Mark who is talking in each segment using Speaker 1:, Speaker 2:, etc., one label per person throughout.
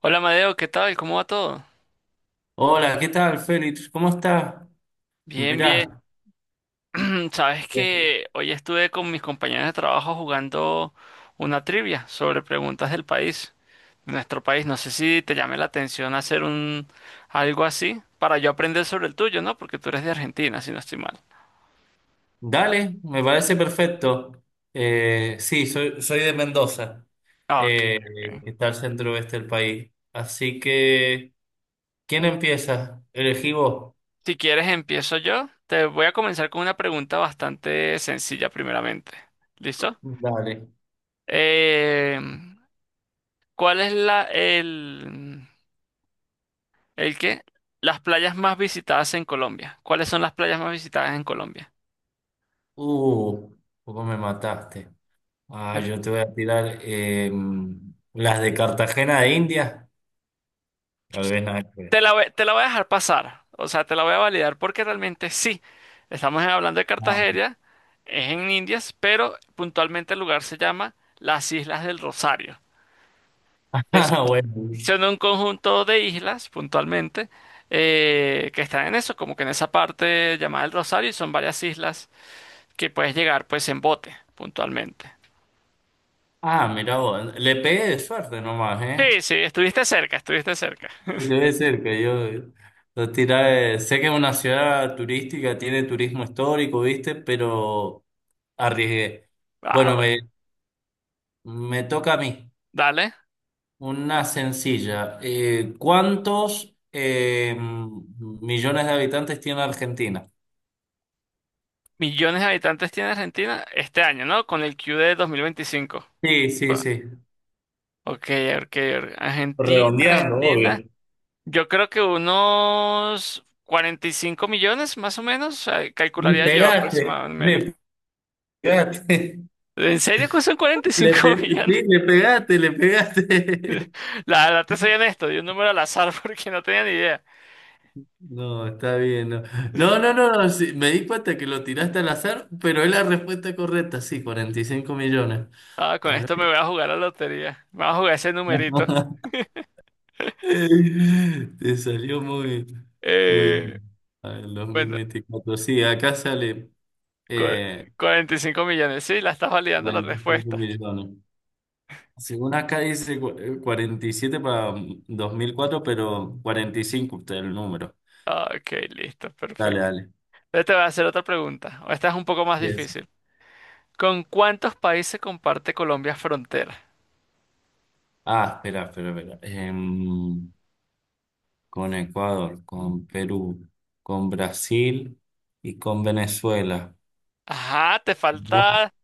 Speaker 1: Hola Madeo, ¿qué tal? ¿Cómo va todo?
Speaker 2: Hola, ¿qué tal, Félix? ¿Cómo estás?
Speaker 1: Bien, bien.
Speaker 2: Mirá.
Speaker 1: Sabes
Speaker 2: Bien.
Speaker 1: que hoy estuve con mis compañeros de trabajo jugando una trivia sobre preguntas del país, de nuestro país. No sé si te llame la atención hacer un algo así para yo aprender sobre el tuyo, ¿no? Porque tú eres de Argentina, si no estoy mal.
Speaker 2: Dale, me parece perfecto. Sí, soy de Mendoza,
Speaker 1: Ah, ok,
Speaker 2: eh,
Speaker 1: ok.
Speaker 2: que está al centro oeste del país. Así que, ¿quién empieza? Elegí vos.
Speaker 1: Si quieres empiezo yo. Te voy a comenzar con una pregunta bastante sencilla primeramente. ¿Listo?
Speaker 2: Dale.
Speaker 1: Eh, ¿Cuál es la el que las playas más visitadas en Colombia? ¿Cuáles son las playas más visitadas en Colombia?
Speaker 2: Uh, poco me mataste. Ah,
Speaker 1: Eh,
Speaker 2: yo te voy a tirar las de Cartagena de India. Tal vez nada que
Speaker 1: Te
Speaker 2: ver.
Speaker 1: la voy, te la voy a dejar pasar, o sea, te la voy a validar porque realmente sí. Estamos hablando de Cartagena, es en Indias, pero puntualmente el lugar se llama las Islas del Rosario. Es,
Speaker 2: Ah, bueno.
Speaker 1: son un conjunto de islas, puntualmente, que están en eso, como que en esa parte llamada el Rosario, y son varias islas que puedes llegar pues en bote, puntualmente.
Speaker 2: Ah, mira, vos. Le pegué de suerte nomás, ¿eh?
Speaker 1: Sí, sí, estuviste cerca, estuviste cerca.
Speaker 2: Debe ser que yo, sé que es una ciudad turística, tiene turismo histórico, ¿viste? Pero arriesgué.
Speaker 1: Ah,
Speaker 2: Bueno,
Speaker 1: bueno.
Speaker 2: me toca a mí.
Speaker 1: Dale.
Speaker 2: Una sencilla. ¿Cuántos millones de habitantes tiene Argentina?
Speaker 1: Millones de habitantes tiene Argentina este año, ¿no? Con el Q de 2025.
Speaker 2: Sí, sí,
Speaker 1: Ah,
Speaker 2: sí.
Speaker 1: ok, ok, ok. Argentina,
Speaker 2: Redondeando, obvio.
Speaker 1: Argentina. Yo creo que unos 45 millones, más o menos, ah,
Speaker 2: Le
Speaker 1: calcularía yo
Speaker 2: pegaste,
Speaker 1: aproximadamente.
Speaker 2: le pegaste.
Speaker 1: ¿En serio que son cuarenta y
Speaker 2: Le pe-
Speaker 1: cinco millones?
Speaker 2: sí, le pegaste, le pegaste.
Speaker 1: La verdad, te soy honesto, di un número al azar porque no tenía ni idea.
Speaker 2: No, está bien. No, no, no, no, no, sí, me di cuenta que lo tiraste al azar, pero es la respuesta correcta, sí, 45 millones.
Speaker 1: Ah, con
Speaker 2: Tal
Speaker 1: esto me
Speaker 2: vez.
Speaker 1: voy a jugar a la lotería. Me voy a jugar ese numerito.
Speaker 2: Te salió muy, muy
Speaker 1: Eh,
Speaker 2: bien. A ver,
Speaker 1: bueno,
Speaker 2: 2024. Sí, acá sale
Speaker 1: cu-
Speaker 2: eh,
Speaker 1: 45 millones, sí, la estás validando la
Speaker 2: 45
Speaker 1: respuesta.
Speaker 2: millones. Según acá dice 47 para 2004, pero 45, usted el número.
Speaker 1: Ok, listo,
Speaker 2: Dale,
Speaker 1: perfecto.
Speaker 2: dale.
Speaker 1: Yo te voy a hacer otra pregunta. Esta es un poco más
Speaker 2: Yes.
Speaker 1: difícil. ¿Con cuántos países comparte Colombia frontera?
Speaker 2: Ah, espera, espera, espera. Con Ecuador, con Perú, con Brasil y con Venezuela.
Speaker 1: Ajá,
Speaker 2: ¿Ya?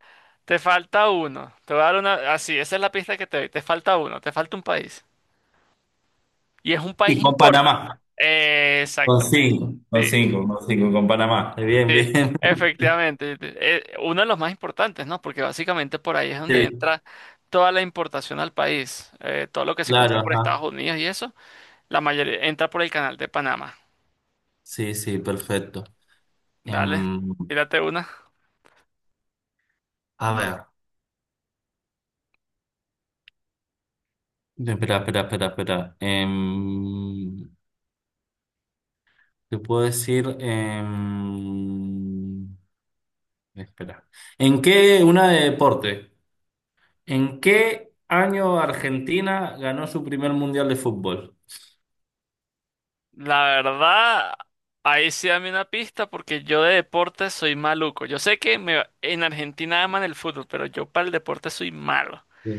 Speaker 1: te falta uno. Te voy a dar una, así, esa es la pista que te doy. Te falta uno, te falta un país. Y es un
Speaker 2: Y
Speaker 1: país
Speaker 2: con
Speaker 1: importante.
Speaker 2: Panamá, con
Speaker 1: Exactamente,
Speaker 2: cinco, con
Speaker 1: sí,
Speaker 2: cinco, con cinco, con Panamá. Bien, bien.
Speaker 1: efectivamente. Uno de los más importantes, ¿no? Porque básicamente por ahí es donde
Speaker 2: Sí,
Speaker 1: entra toda la importación al país. Todo lo que se compra
Speaker 2: claro,
Speaker 1: por Estados
Speaker 2: ajá.
Speaker 1: Unidos y eso, la mayoría entra por el canal de Panamá.
Speaker 2: Sí, sí, perfecto.
Speaker 1: Dale,
Speaker 2: Em,
Speaker 1: tírate una.
Speaker 2: a ver, espera, espera, espera, espera. Te puedo decir, espera. Una de deporte. ¿En qué año Argentina ganó su primer mundial de fútbol?
Speaker 1: La verdad, ahí sí dame una pista porque yo de deporte soy maluco. Yo sé que en Argentina aman el fútbol, pero yo para el deporte soy malo.
Speaker 2: Sí.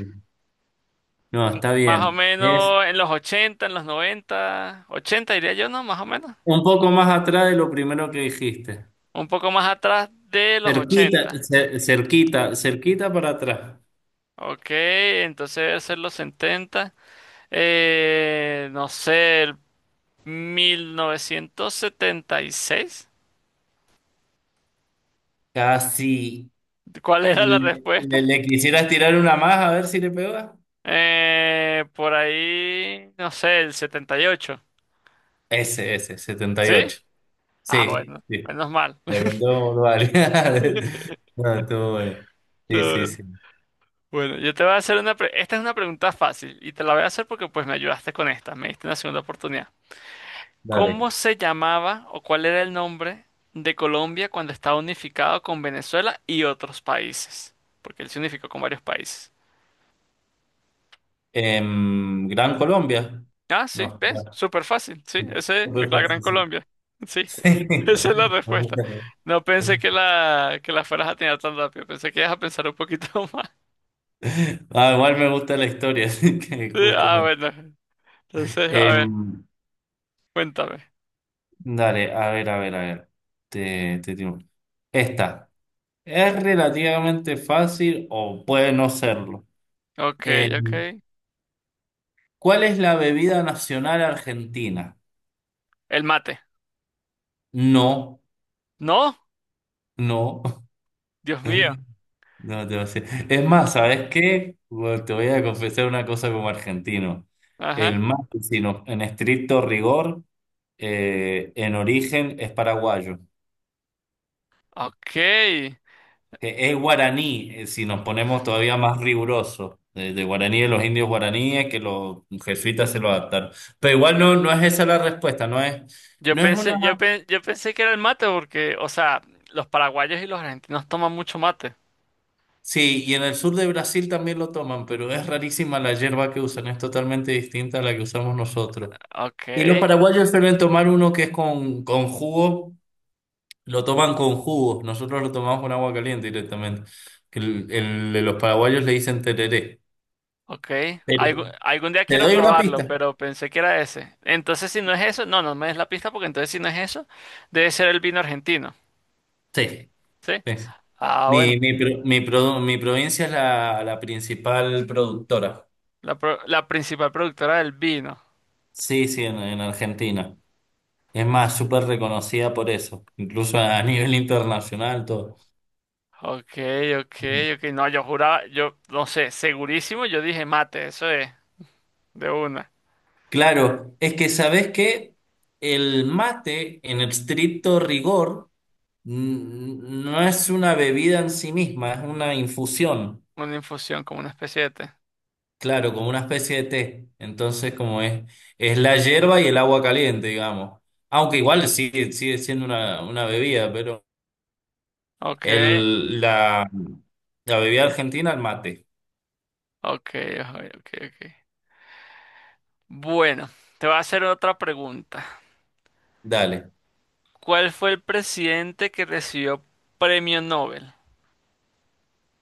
Speaker 2: No, está
Speaker 1: Más o
Speaker 2: bien. Es
Speaker 1: menos en los ochenta, en los noventa, ochenta diría yo, ¿no? Más o menos.
Speaker 2: un poco más atrás de lo primero que dijiste.
Speaker 1: Un poco más atrás de los
Speaker 2: Cerquita,
Speaker 1: 80.
Speaker 2: cerquita, cerquita para atrás.
Speaker 1: Ok, entonces debe ser los 70. No sé, el 1976.
Speaker 2: Casi.
Speaker 1: ¿Cuál era
Speaker 2: ¿Le,
Speaker 1: la
Speaker 2: le-
Speaker 1: respuesta?
Speaker 2: le quisieras tirar una más a ver si le pega?
Speaker 1: Por ahí, no sé, el 78,
Speaker 2: Ese, setenta y
Speaker 1: ¿sí?
Speaker 2: ocho
Speaker 1: Ah,
Speaker 2: Sí,
Speaker 1: bueno,
Speaker 2: sí.
Speaker 1: menos mal.
Speaker 2: Le contó un No, estuvo bueno. Sí,
Speaker 1: Todo
Speaker 2: sí,
Speaker 1: bien.
Speaker 2: sí.
Speaker 1: Bueno, yo te voy a hacer una... Esta es una pregunta fácil y te la voy a hacer porque pues me ayudaste con esta, me diste una segunda oportunidad.
Speaker 2: Dale.
Speaker 1: ¿Cómo se llamaba o cuál era el nombre de Colombia cuando estaba unificado con Venezuela y otros países? Porque él se unificó con varios países.
Speaker 2: Gran Colombia.
Speaker 1: Ah, sí,
Speaker 2: No,
Speaker 1: ¿ves?
Speaker 2: ya.
Speaker 1: Súper fácil, sí,
Speaker 2: Sí.
Speaker 1: esa es
Speaker 2: Súper
Speaker 1: la Gran
Speaker 2: fácil, sí.
Speaker 1: Colombia. Sí,
Speaker 2: Sí.
Speaker 1: esa es la respuesta. No pensé que que la fueras a tener tan rápido, pensé que ibas a pensar un poquito más.
Speaker 2: Ah, igual me gusta la historia, así que
Speaker 1: Sí,
Speaker 2: justo
Speaker 1: ah,
Speaker 2: me.
Speaker 1: bueno. Entonces, a ver,
Speaker 2: Em,
Speaker 1: cuéntame.
Speaker 2: dale, a ver, a ver, a ver. Te digo. Esta. Es relativamente fácil o puede no serlo.
Speaker 1: Ok, ok.
Speaker 2: Em, ¿cuál es la bebida nacional argentina?
Speaker 1: El mate.
Speaker 2: No,
Speaker 1: ¿No?
Speaker 2: no,
Speaker 1: Dios mío.
Speaker 2: no te voy a decir. Es más, ¿sabes qué? Bueno, te voy a confesar una cosa como argentino. El
Speaker 1: Ajá.
Speaker 2: mate, en estricto rigor, en origen es paraguayo.
Speaker 1: Ok.
Speaker 2: Es guaraní, si nos ponemos todavía más rigurosos, de guaraní de los indios guaraníes, que los jesuitas se lo adaptaron. Pero igual no, no es esa la respuesta,
Speaker 1: Yo
Speaker 2: no es una.
Speaker 1: pensé, yo pensé que era el mate porque, o sea, los paraguayos y los argentinos toman mucho mate.
Speaker 2: Sí, y en el sur de Brasil también lo toman, pero es rarísima la hierba que usan, es totalmente distinta a la que usamos nosotros.
Speaker 1: Ok,
Speaker 2: Y los paraguayos suelen tomar uno que es con jugo, lo toman con jugo, nosotros lo tomamos con agua caliente directamente. Que el de los paraguayos le dicen tereré.
Speaker 1: ok,
Speaker 2: Pero
Speaker 1: algún día
Speaker 2: te
Speaker 1: quiero
Speaker 2: doy una
Speaker 1: probarlo,
Speaker 2: pista.
Speaker 1: pero pensé que era ese. Entonces, si no es eso, no, no me des la pista porque entonces si no es eso, debe ser el vino argentino,
Speaker 2: Sí.
Speaker 1: ¿sí?
Speaker 2: Sí.
Speaker 1: Ah,
Speaker 2: Mi,
Speaker 1: bueno,
Speaker 2: mi, pro- mi, produ mi provincia es la principal productora.
Speaker 1: la principal productora del vino.
Speaker 2: Sí, sí, en Argentina. Es más, súper reconocida por eso, incluso a nivel internacional, todo.
Speaker 1: Ok, ok, ok. No, yo juraba, yo no sé, segurísimo, yo dije mate, eso es, de una.
Speaker 2: Claro, es que sabes que el mate, en estricto rigor, n- no es una bebida en sí misma, es una infusión.
Speaker 1: Una infusión, como una especie de té.
Speaker 2: Claro, como una especie de té. Entonces, como es la hierba y el agua caliente, digamos. Aunque igual sigue siendo una bebida, pero
Speaker 1: Ok,
Speaker 2: el, la, la bebida argentina, el mate.
Speaker 1: ok, ok, ok, ok. Bueno, te voy a hacer otra pregunta.
Speaker 2: Dale.
Speaker 1: ¿Cuál fue el presidente que recibió premio Nobel?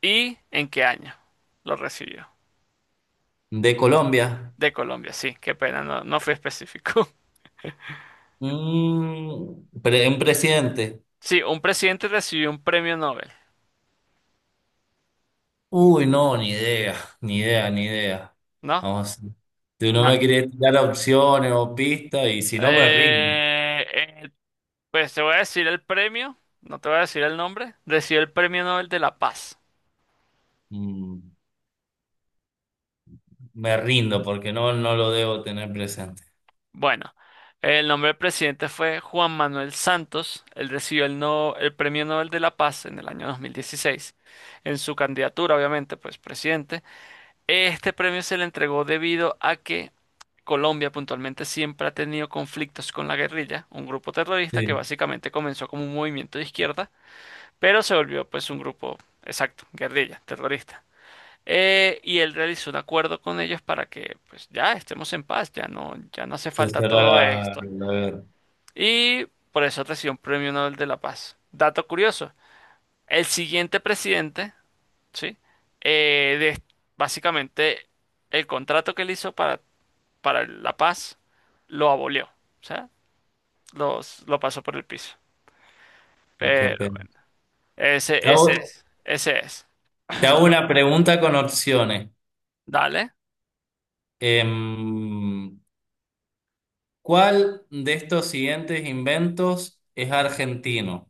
Speaker 1: ¿Y en qué año lo recibió?
Speaker 2: De Colombia.
Speaker 1: De Colombia, sí, qué pena, no, no fui específico.
Speaker 2: Un presidente.
Speaker 1: Sí, un presidente recibió un premio Nobel,
Speaker 2: Uy, no, ni idea, ni idea, ni idea.
Speaker 1: ¿no?
Speaker 2: Vamos. Tú no me
Speaker 1: No.
Speaker 2: quieres dar opciones o pistas, y si no, me rindo.
Speaker 1: Eh, eh, pues te voy a decir el premio, no te voy a decir el nombre, recibió el premio Nobel de la Paz.
Speaker 2: Mm, me rindo porque no lo debo tener presente.
Speaker 1: Bueno, el nombre del presidente fue Juan Manuel Santos, él recibió el, no, el premio Nobel de la Paz en el año 2016, en su candidatura, obviamente, pues presidente. Este premio se le entregó debido a que Colombia puntualmente siempre ha tenido conflictos con la guerrilla, un grupo terrorista que
Speaker 2: Sí.
Speaker 1: básicamente comenzó como un movimiento de izquierda, pero se volvió pues un grupo, exacto, guerrilla, terrorista. Y él realizó un acuerdo con ellos para que pues ya estemos en paz, ya no, ya no hace
Speaker 2: Se
Speaker 1: falta
Speaker 2: cierra
Speaker 1: todo esto.
Speaker 2: la.
Speaker 1: Y por eso recibió un premio Nobel de la Paz. Dato curioso, el siguiente presidente, ¿sí? Eh, de- básicamente el contrato que él hizo para la paz, lo abolió. O sea, los, lo pasó por el piso.
Speaker 2: Oh, qué
Speaker 1: Pero
Speaker 2: pena. Te hago,
Speaker 1: ese es.
Speaker 2: te hago una pregunta con opciones.
Speaker 1: Dale.
Speaker 2: Em, ¿cuál de estos siguientes inventos es argentino?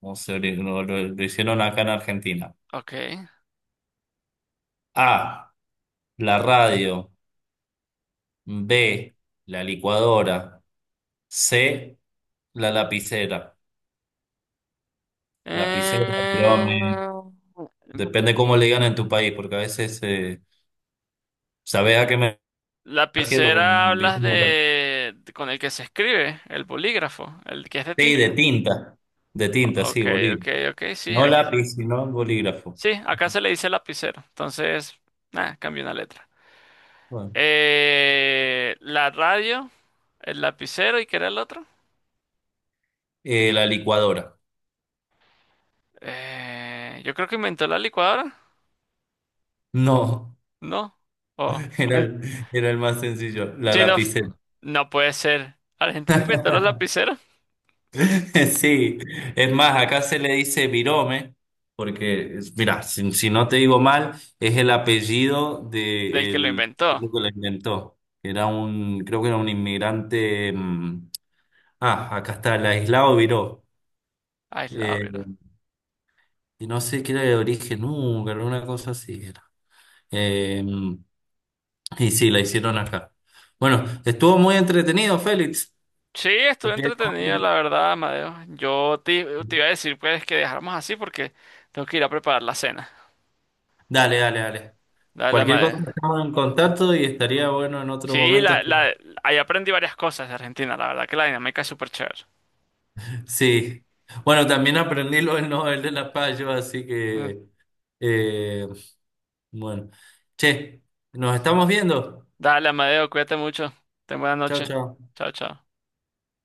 Speaker 2: O se ori- lo hicieron acá en Argentina.
Speaker 1: Ok.
Speaker 2: A, la radio. B, la licuadora. C, la lapicera. Lapicera, digamos,
Speaker 1: Eh,
Speaker 2: depende cómo le digan en tu país, porque a veces sabes a qué me refiero
Speaker 1: lapicera
Speaker 2: con.
Speaker 1: hablas de, con el que se escribe, el bolígrafo, el que es de
Speaker 2: Sí,
Speaker 1: tinta.
Speaker 2: de tinta, sí,
Speaker 1: Ok, ok,
Speaker 2: bolígrafo.
Speaker 1: ok, sí,
Speaker 2: No
Speaker 1: aquí.
Speaker 2: lápiz, sino bolígrafo.
Speaker 1: Sí, acá se le dice lapicero. Entonces, nada, cambio una letra.
Speaker 2: Bueno,
Speaker 1: La radio, el lapicero y ¿qué era el otro?
Speaker 2: la licuadora.
Speaker 1: Yo creo que inventó la licuadora.
Speaker 2: No,
Speaker 1: No. Oh.
Speaker 2: era el, era el más sencillo, la
Speaker 1: Sí, no,
Speaker 2: lapicera.
Speaker 1: no puede ser. Argentina inventó los lapiceros.
Speaker 2: Sí, es más, acá se le dice virome, porque, mira, si no te digo mal, es el apellido
Speaker 1: Del
Speaker 2: de
Speaker 1: que lo
Speaker 2: el
Speaker 1: inventó.
Speaker 2: tipo que la inventó. Creo que era un inmigrante. Ah, acá está, el aislado Viró.
Speaker 1: Ay, la
Speaker 2: Eh,
Speaker 1: verdad.
Speaker 2: y no sé qué era de origen, nunca, una cosa así. Eh, y sí, la hicieron acá. Bueno, estuvo muy entretenido, Félix.
Speaker 1: Sí, estuvo entretenido, la verdad, Amadeo. Yo te, te iba a decir, pues, que dejáramos así porque tengo que ir a preparar la cena.
Speaker 2: Dale, dale, dale.
Speaker 1: Dale,
Speaker 2: Cualquier cosa
Speaker 1: Amadeo.
Speaker 2: estamos en contacto y estaría bueno en otro
Speaker 1: Sí,
Speaker 2: momento.
Speaker 1: la, ahí aprendí varias cosas de Argentina, la verdad que la dinámica es súper chévere.
Speaker 2: Sí. Bueno, también aprendí lo del Nobel de la Paz, yo, así
Speaker 1: Mm.
Speaker 2: que, eh, bueno. Che, nos estamos viendo.
Speaker 1: Dale, Amadeo, cuídate mucho. Ten buena
Speaker 2: Chao,
Speaker 1: noche.
Speaker 2: chao.
Speaker 1: Chao, chao.